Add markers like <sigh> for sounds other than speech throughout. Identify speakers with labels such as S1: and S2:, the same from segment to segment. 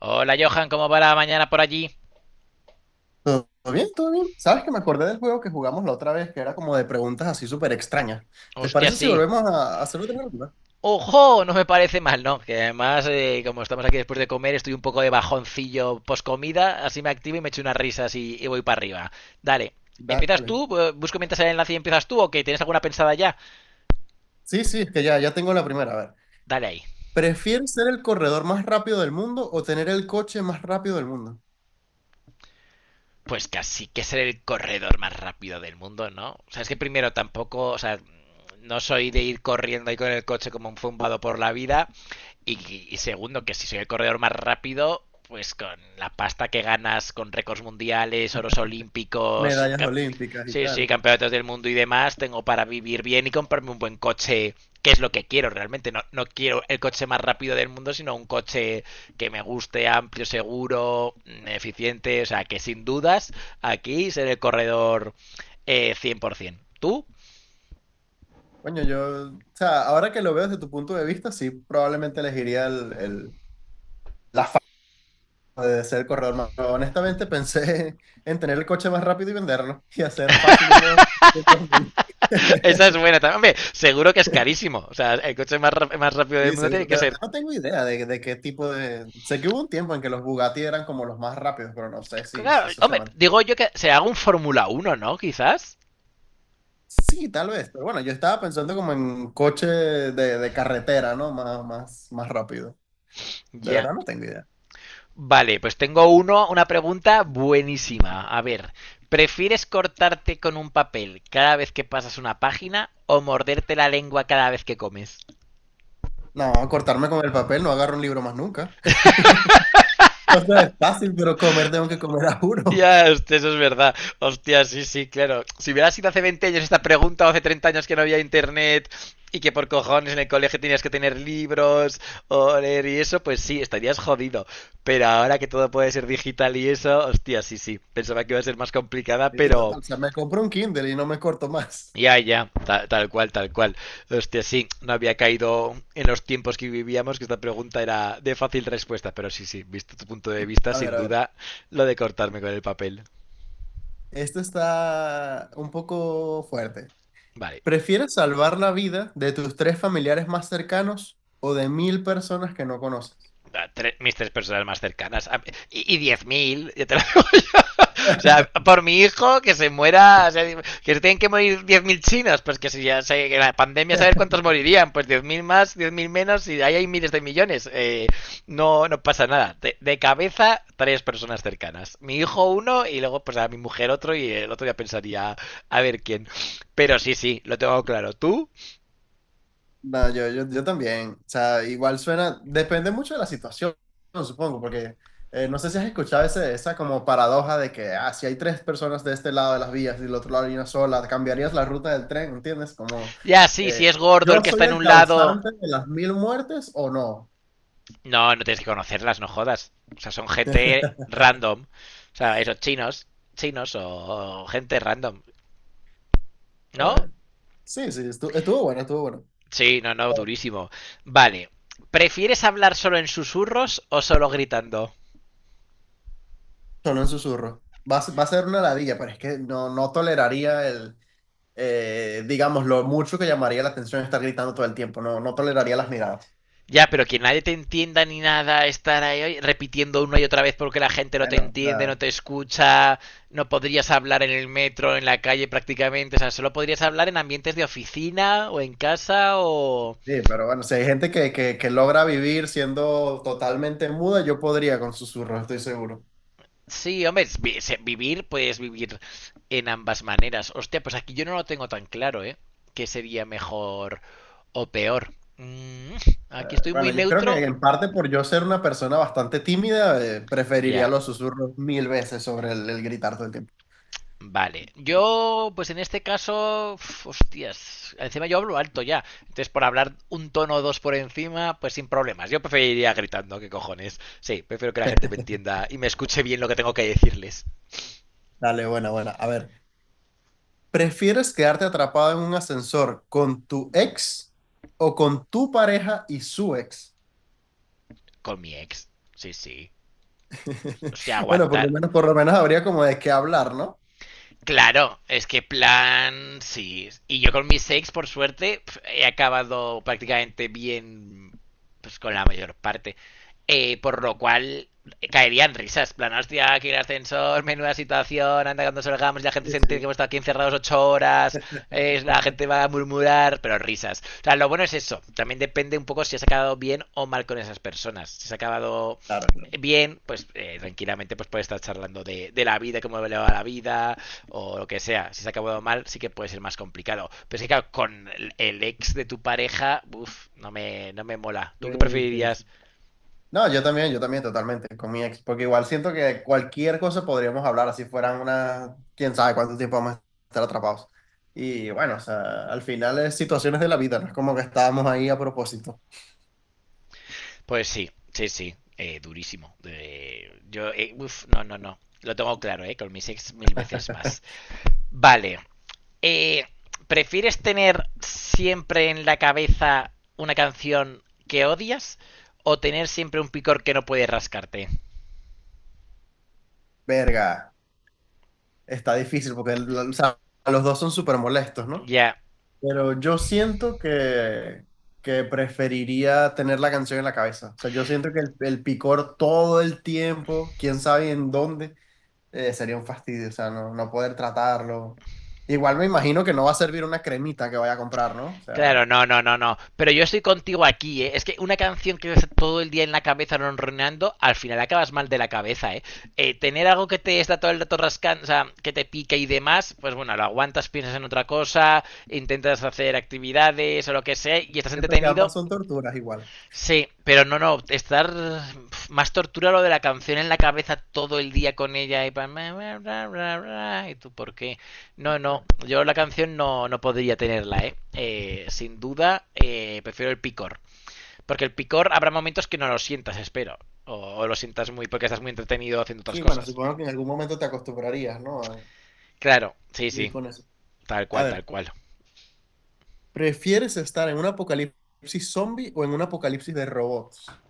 S1: Hola Johan, ¿cómo va la mañana por allí?
S2: ¿Todo bien? ¿Todo bien? ¿Sabes que me acordé del juego que jugamos la otra vez, que era como de preguntas así súper extrañas? ¿Te
S1: Hostia,
S2: parece si
S1: sí.
S2: volvemos a hacerlo de nuevo?
S1: ¡Ojo! No me parece mal, ¿no? Que además, como estamos aquí después de comer, estoy un poco de bajoncillo post comida, así me activo y me echo unas risas y voy para arriba. Dale.
S2: Da-
S1: ¿Empiezas
S2: Dale.
S1: tú? ¿Busco mientras el enlace y empiezas tú o que tienes alguna pensada ya?
S2: Sí, sí, es que ya tengo la primera. A ver,
S1: Dale ahí.
S2: ¿prefieres ser el corredor más rápido del mundo o tener el coche más rápido del mundo?
S1: Pues casi que ser el corredor más rápido del mundo, ¿no? O sea, es que primero tampoco, o sea, no soy de ir corriendo ahí con el coche como un zumbado por la vida. Y segundo, que si soy el corredor más rápido, pues con la pasta que ganas con récords mundiales, oros olímpicos,
S2: Medallas olímpicas y
S1: sí, sí,
S2: tal.
S1: campeonatos del mundo y demás, tengo para vivir bien y comprarme un buen coche, que es lo que quiero realmente. No, no quiero el coche más rápido del mundo, sino un coche que me guste, amplio, seguro, eficiente. O sea, que sin dudas, aquí seré el corredor 100%. ¿Tú?
S2: Coño, yo, o sea, ahora que lo veo desde tu punto de vista, sí, probablemente elegiría la fama de ser el corredor más, pero honestamente pensé <laughs> en tener el coche más rápido y venderlo y hacer fácil unos 500 mil.
S1: <laughs>
S2: <laughs>
S1: Esa es buena también. Hombre, seguro que es carísimo. O sea, el coche más rápido del
S2: Sí,
S1: mundo
S2: seguro.
S1: tiene
S2: De
S1: que
S2: verdad
S1: ser.
S2: no tengo idea de qué tipo de... Sé que hubo un tiempo en que los Bugatti eran como los más rápidos, pero no sé si, si
S1: Claro,
S2: eso se
S1: hombre,
S2: man...
S1: digo yo que se haga un Fórmula 1, ¿no? Quizás.
S2: Sí, tal vez. Pero bueno, yo estaba pensando como en coche de carretera, ¿no? Más, más, más rápido.
S1: Ya.
S2: De
S1: Yeah.
S2: verdad no tengo idea.
S1: Vale, pues tengo una pregunta buenísima. A ver, ¿prefieres cortarte con un papel cada vez que pasas una página o morderte la lengua cada vez que comes?
S2: No, cortarme con el papel, no agarro un libro más nunca. <laughs> O sea, es fácil, pero comer tengo que comer a juro.
S1: Ya, hostia, eso es verdad. Hostia, sí, sí, claro. Si hubiera sido hace 20 años esta pregunta o hace 30 años que no había internet y que por cojones en el colegio tenías que tener libros o leer y eso, pues sí, estarías jodido. Pero ahora que todo puede ser digital y eso, hostia, sí, sí. Pensaba que iba a ser más complicada,
S2: Sí,
S1: pero
S2: total. O sea, me compro un Kindle y no me corto más.
S1: ya, ya, tal, cual, tal cual. Hostia, sí, no había caído en los tiempos que vivíamos que esta pregunta era de fácil respuesta, pero sí, sí, visto tu punto de vista,
S2: A ver,
S1: sin
S2: a ver.
S1: duda, lo de cortarme con el papel.
S2: Esto está un poco fuerte.
S1: Vale.
S2: ¿Prefieres salvar la vida de tus tres familiares más cercanos o de mil personas que no conoces?
S1: Mis tres personas más cercanas. Y 10.000 ya te lo digo yo. <laughs> O sea, por mi hijo, que se muera, o sea, que se tienen que morir 10.000 chinos, pues que si ya se, que la pandemia, saber cuántos morirían, pues 10.000 más, 10.000 menos, y ahí hay miles de millones. No, no pasa nada. De cabeza, tres personas cercanas. Mi hijo uno, y luego pues a mi mujer otro, y el otro ya pensaría a ver quién. Pero sí, sí, lo tengo claro. ¿Tú?
S2: No, yo también. O sea, igual suena, depende mucho de la situación, supongo, porque no sé si has escuchado esa como paradoja de que, ah, si hay tres personas de este lado de las vías y del otro lado hay una sola, cambiarías la ruta del tren, ¿entiendes? Como,
S1: Ya, sí,
S2: eh,
S1: si es gordo el
S2: ¿yo
S1: que está
S2: soy
S1: en
S2: el
S1: un lado.
S2: causante de las mil muertes o no?
S1: No, no tienes que conocerlas, no jodas. O sea, son gente random. O sea, esos chinos, chinos o gente random. ¿No?
S2: Eh, sí, sí, estuvo bueno, estuvo bueno.
S1: Sí, no, no, durísimo. Vale. ¿Prefieres hablar solo en susurros o solo gritando?
S2: Solo en susurros. Va a ser una ladilla, pero es que no, no toleraría digamos, lo mucho que llamaría la atención estar gritando todo el tiempo. No, no toleraría las miradas.
S1: Ya, pero que nadie te entienda ni nada, estar ahí repitiendo una y otra vez porque la gente no te
S2: Bueno, o
S1: entiende, no
S2: sea,
S1: te escucha, no podrías hablar en el metro, en la calle prácticamente, o sea, solo podrías hablar en ambientes de oficina o en casa o...
S2: sí, pero bueno, si hay gente que, que logra vivir siendo totalmente muda, yo podría con susurros, estoy seguro.
S1: Sí, hombre, es vivir, puedes vivir en ambas maneras. Hostia, pues aquí yo no lo tengo tan claro, ¿eh? ¿Qué sería mejor o peor? Aquí estoy
S2: Bueno,
S1: muy
S2: yo creo que
S1: neutro.
S2: en parte por yo ser una persona bastante tímida, preferiría
S1: Ya,
S2: los susurros mil veces sobre el gritar todo el tiempo.
S1: vale. Yo, pues en este caso, uf, hostias, encima yo hablo alto ya. Entonces, por hablar un tono o dos por encima, pues sin problemas. Yo preferiría gritando, ¿qué cojones? Sí, prefiero que la gente me
S2: <laughs>
S1: entienda y me escuche bien lo que tengo que decirles.
S2: Dale, buena, buena. A ver. ¿Prefieres quedarte atrapado en un ascensor con tu ex o con tu pareja y su ex?
S1: Con mi ex. Sí, sí. O
S2: <laughs>
S1: sea,
S2: Bueno,
S1: aguantar.
S2: por lo menos habría como de qué hablar, ¿no?
S1: Claro, es que plan, sí. Y yo con mis sex, por suerte, he acabado prácticamente bien, pues con la mayor parte. Por lo cual caerían risas, plan, hostia, aquí el ascensor, menuda situación, anda cuando salgamos y la
S2: Sí,
S1: gente se entiende que
S2: sí.
S1: hemos estado aquí encerrados 8 horas, la gente va a murmurar, pero risas. O sea, lo bueno es eso, también depende un poco si has acabado bien o mal con esas personas. Si has acabado
S2: Claro, claro.
S1: bien, pues tranquilamente pues puedes estar charlando de la vida, cómo le va la vida, o lo que sea, si se ha acabado mal, sí que puede ser más complicado. Pero es que, claro, con ex de tu pareja, uff, no me mola.
S2: Sí,
S1: ¿Tú qué
S2: sí, sí.
S1: preferirías?
S2: No, yo también totalmente con mi ex, porque igual siento que cualquier cosa podríamos hablar, así fueran una, quién sabe cuánto tiempo vamos a estar atrapados. Y bueno, o sea, al final es situaciones de la vida, no es como que estábamos ahí a propósito.
S1: Pues sí, sí, sí, durísimo. Yo, uff, no, no, no. Lo tengo claro, ¿eh? Con mis ex mil veces más. Vale. eh, ¿Prefieres tener siempre en la cabeza una canción que odias o tener siempre un picor que no puedes rascarte?
S2: Verga, está difícil porque o sea, los dos son súper molestos, ¿no?
S1: Ya,
S2: Pero yo siento que preferiría tener la canción en la cabeza. O sea, yo siento que el picor todo el tiempo, quién sabe en dónde, sería un fastidio. O sea, no, no poder tratarlo. Igual me imagino que no va a servir una cremita que vaya a comprar, ¿no? O
S1: claro,
S2: sea,
S1: no, no, no, no. Pero yo estoy contigo aquí, ¿eh? Es que una canción que ves todo el día en la cabeza ronroneando, al final acabas mal de la cabeza, ¿eh? Tener algo que te está todo el rato rascando, o sea, que te pique y demás, pues bueno, lo aguantas, piensas en otra cosa, intentas hacer actividades o lo que sea, y estás
S2: siento que
S1: entretenido.
S2: ambas son torturas igual.
S1: Sí, pero no, no, estar más tortura lo de la canción en la cabeza todo el día con ella y bla, bla, bla, bla, bla, y tú por qué. No, no, yo la canción no, no podría tenerla, ¿eh? Sin duda, prefiero el picor. Porque el picor habrá momentos que no lo sientas, espero. O lo sientas muy porque estás muy entretenido haciendo otras
S2: Sí, bueno,
S1: cosas.
S2: supongo que en algún momento te acostumbrarías, ¿no? A
S1: Claro, sí,
S2: vivir
S1: sí,
S2: con eso.
S1: tal
S2: A
S1: cual, tal
S2: ver,
S1: cual.
S2: ¿prefieres estar en un apocalipsis zombie o en un apocalipsis de robots?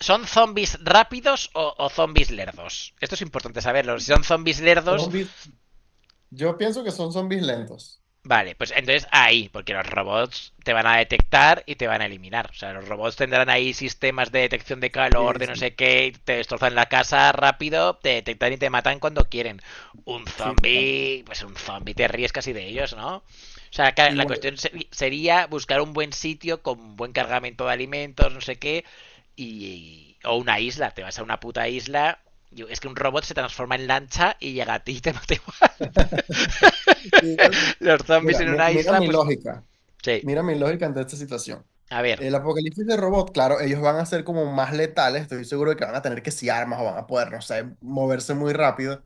S1: ¿Son zombies rápidos o zombies lerdos? Esto es importante saberlo. Si son zombies lerdos...
S2: Zombies, yo pienso que son zombies lentos.
S1: Vale, pues entonces ahí, porque los robots te van a detectar y te van a eliminar. O sea, los robots tendrán ahí sistemas de detección de calor,
S2: Sí,
S1: de no
S2: sí,
S1: sé qué, y te destrozan la casa rápido, te detectan y te matan cuando quieren. Un
S2: sí, totalmente.
S1: zombie, pues un zombie te ríes casi de ellos, ¿no? O sea, la
S2: Igual,
S1: cuestión sería buscar un buen sitio con buen cargamento de alimentos, no sé qué, y, o una isla, te vas a una puta isla, y es que un robot se transforma en lancha y llega a ti y te mata igual.
S2: igual,
S1: <laughs> <laughs> Los zombies
S2: mira,
S1: en una isla, pues sí.
S2: mira mi lógica ante esta situación.
S1: A ver,
S2: El apocalipsis de robot, claro, ellos van a ser como más letales, estoy seguro de que van a tener que si armas o van a poder, no sé, moverse muy rápido,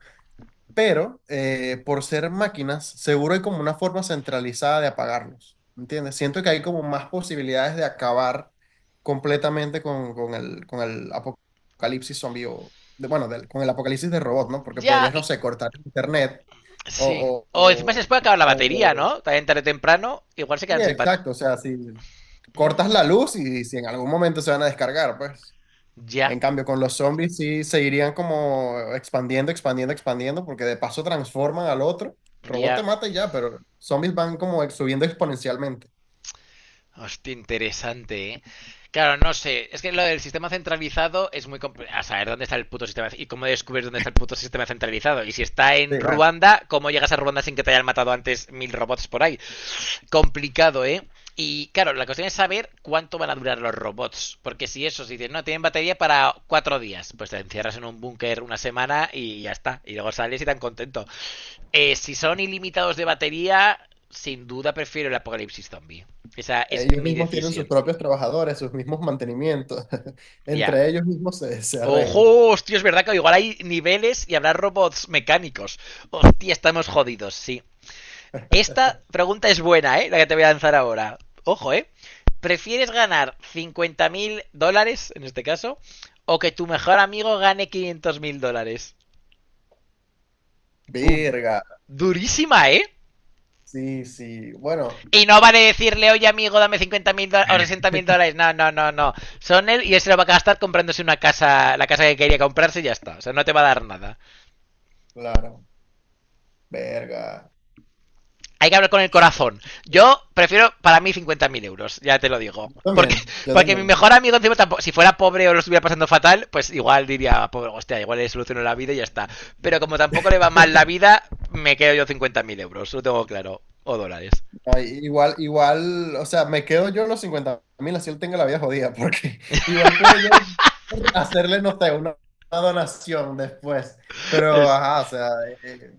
S2: pero por ser máquinas, seguro hay como una forma centralizada de apagarlos, ¿entiendes? Siento que hay como más posibilidades de acabar completamente con el apocalipsis zombie o, bueno, con el apocalipsis de robot, ¿no? Porque
S1: ya.
S2: podrías, no sé, cortar el internet.
S1: Sí.
S2: O, o,
S1: O encima se les puede acabar la
S2: o,
S1: batería,
S2: o-
S1: ¿no? También tarde o temprano, igual se
S2: sí,
S1: quedan sin batería.
S2: exacto, o sea, si cortas
S1: Mm,
S2: la luz y si en algún momento se van a descargar, pues.
S1: ya,
S2: En cambio, con los zombies sí seguirían como expandiendo, expandiendo, expandiendo, porque de paso transforman al otro. El robot te
S1: ya.
S2: mata y ya, pero zombies van como subiendo exponencialmente.
S1: Hostia, interesante, ¿eh? Claro, no sé. Es que lo del sistema centralizado es muy complicado. A saber dónde está el puto sistema. ¿Y cómo descubres dónde está el puto sistema centralizado? Y si está
S2: Sí,
S1: en
S2: bueno.
S1: Ruanda, ¿cómo llegas a Ruanda sin que te hayan matado antes 1.000 robots por ahí? Complicado, ¿eh? Y claro, la cuestión es saber cuánto van a durar los robots. Porque si eso, si dices, no, tienen batería para 4 días, pues te encierras en un búnker una semana y ya está. Y luego sales y tan contento. Si son ilimitados de batería, sin duda prefiero el apocalipsis zombie. Esa es
S2: Ellos
S1: mi
S2: mismos tienen sus
S1: decisión.
S2: propios trabajadores, sus mismos mantenimientos. <laughs>
S1: Ya. Yeah.
S2: Entre ellos mismos se
S1: Ojo,
S2: arreglan.
S1: hostia, es verdad que igual hay niveles y habrá robots mecánicos. Hostia, estamos jodidos, sí. Esta pregunta es buena, ¿eh? La que te voy a lanzar ahora. Ojo, ¿eh? ¿Prefieres ganar 50 mil dólares, en este caso, o que tu mejor amigo gane 500 mil dólares? Boom.
S2: Verga.
S1: Durísima, ¿eh?
S2: Sí, sí. Bueno,
S1: Y no vale decirle, oye amigo, dame 50 mil dólares o
S2: <laughs>
S1: 60 mil dólares. No, no, no, no. Son él y él se lo va a gastar comprándose una casa, la casa que quería comprarse y ya está. O sea, no te va a dar nada.
S2: claro. Verga.
S1: Hay que hablar con el corazón. Yo prefiero para mí 50.000 euros, ya te lo digo. Porque,
S2: También, yo
S1: porque mi
S2: también.
S1: mejor amigo, encima, tampoco, si fuera pobre o lo estuviera pasando fatal, pues igual diría, pobre, hostia, igual le soluciono la vida y ya está. Pero como tampoco le va mal la
S2: <laughs>
S1: vida, me quedo yo 50.000 euros, lo tengo claro. O dólares.
S2: Ay, igual, igual, o sea, me quedo yo en los 50.000, así él tenga la vida jodida, porque <laughs> igual puedo yo hacerle, no sé, una donación después. Pero,
S1: Es,
S2: ajá, o sea, eh,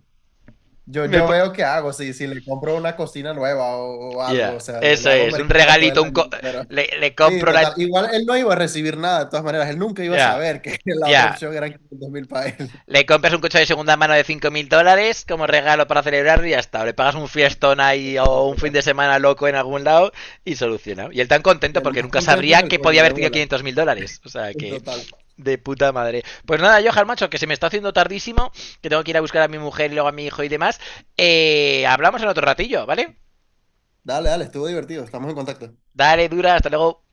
S2: yo,
S1: me
S2: yo
S1: po-
S2: veo qué hago, si, si le compro una cocina nueva o algo, o
S1: ya,
S2: sea, le
S1: eso
S2: hago
S1: es, un
S2: mercado todo el
S1: regalito,
S2: año, pero
S1: le
S2: sí,
S1: compro la... Ya,
S2: total. Igual él no iba a recibir nada, de todas maneras, él nunca iba a
S1: yeah,
S2: saber que <laughs> la
S1: ya,
S2: otra
S1: yeah.
S2: opción eran 500.000 para él.
S1: Le compras un coche de segunda mano de 5.000 dólares como regalo para celebrar y ya está. O le pagas un fiestón ahí
S2: Total,
S1: o un fin
S2: total.
S1: de semana loco en algún lado y solucionado. Y él tan
S2: Y
S1: contento
S2: el
S1: porque
S2: más
S1: nunca
S2: contento que
S1: sabría
S2: el
S1: que podía
S2: coño de
S1: haber tenido
S2: bola,
S1: 500.000 dólares. O sea que...
S2: total.
S1: De puta madre. Pues nada, yo, macho, que se me está haciendo tardísimo, que tengo que ir a buscar a mi mujer y luego a mi hijo y demás. Hablamos en otro ratillo, ¿vale?
S2: Dale, dale, estuvo divertido, estamos en contacto.
S1: Dale, dura, hasta luego.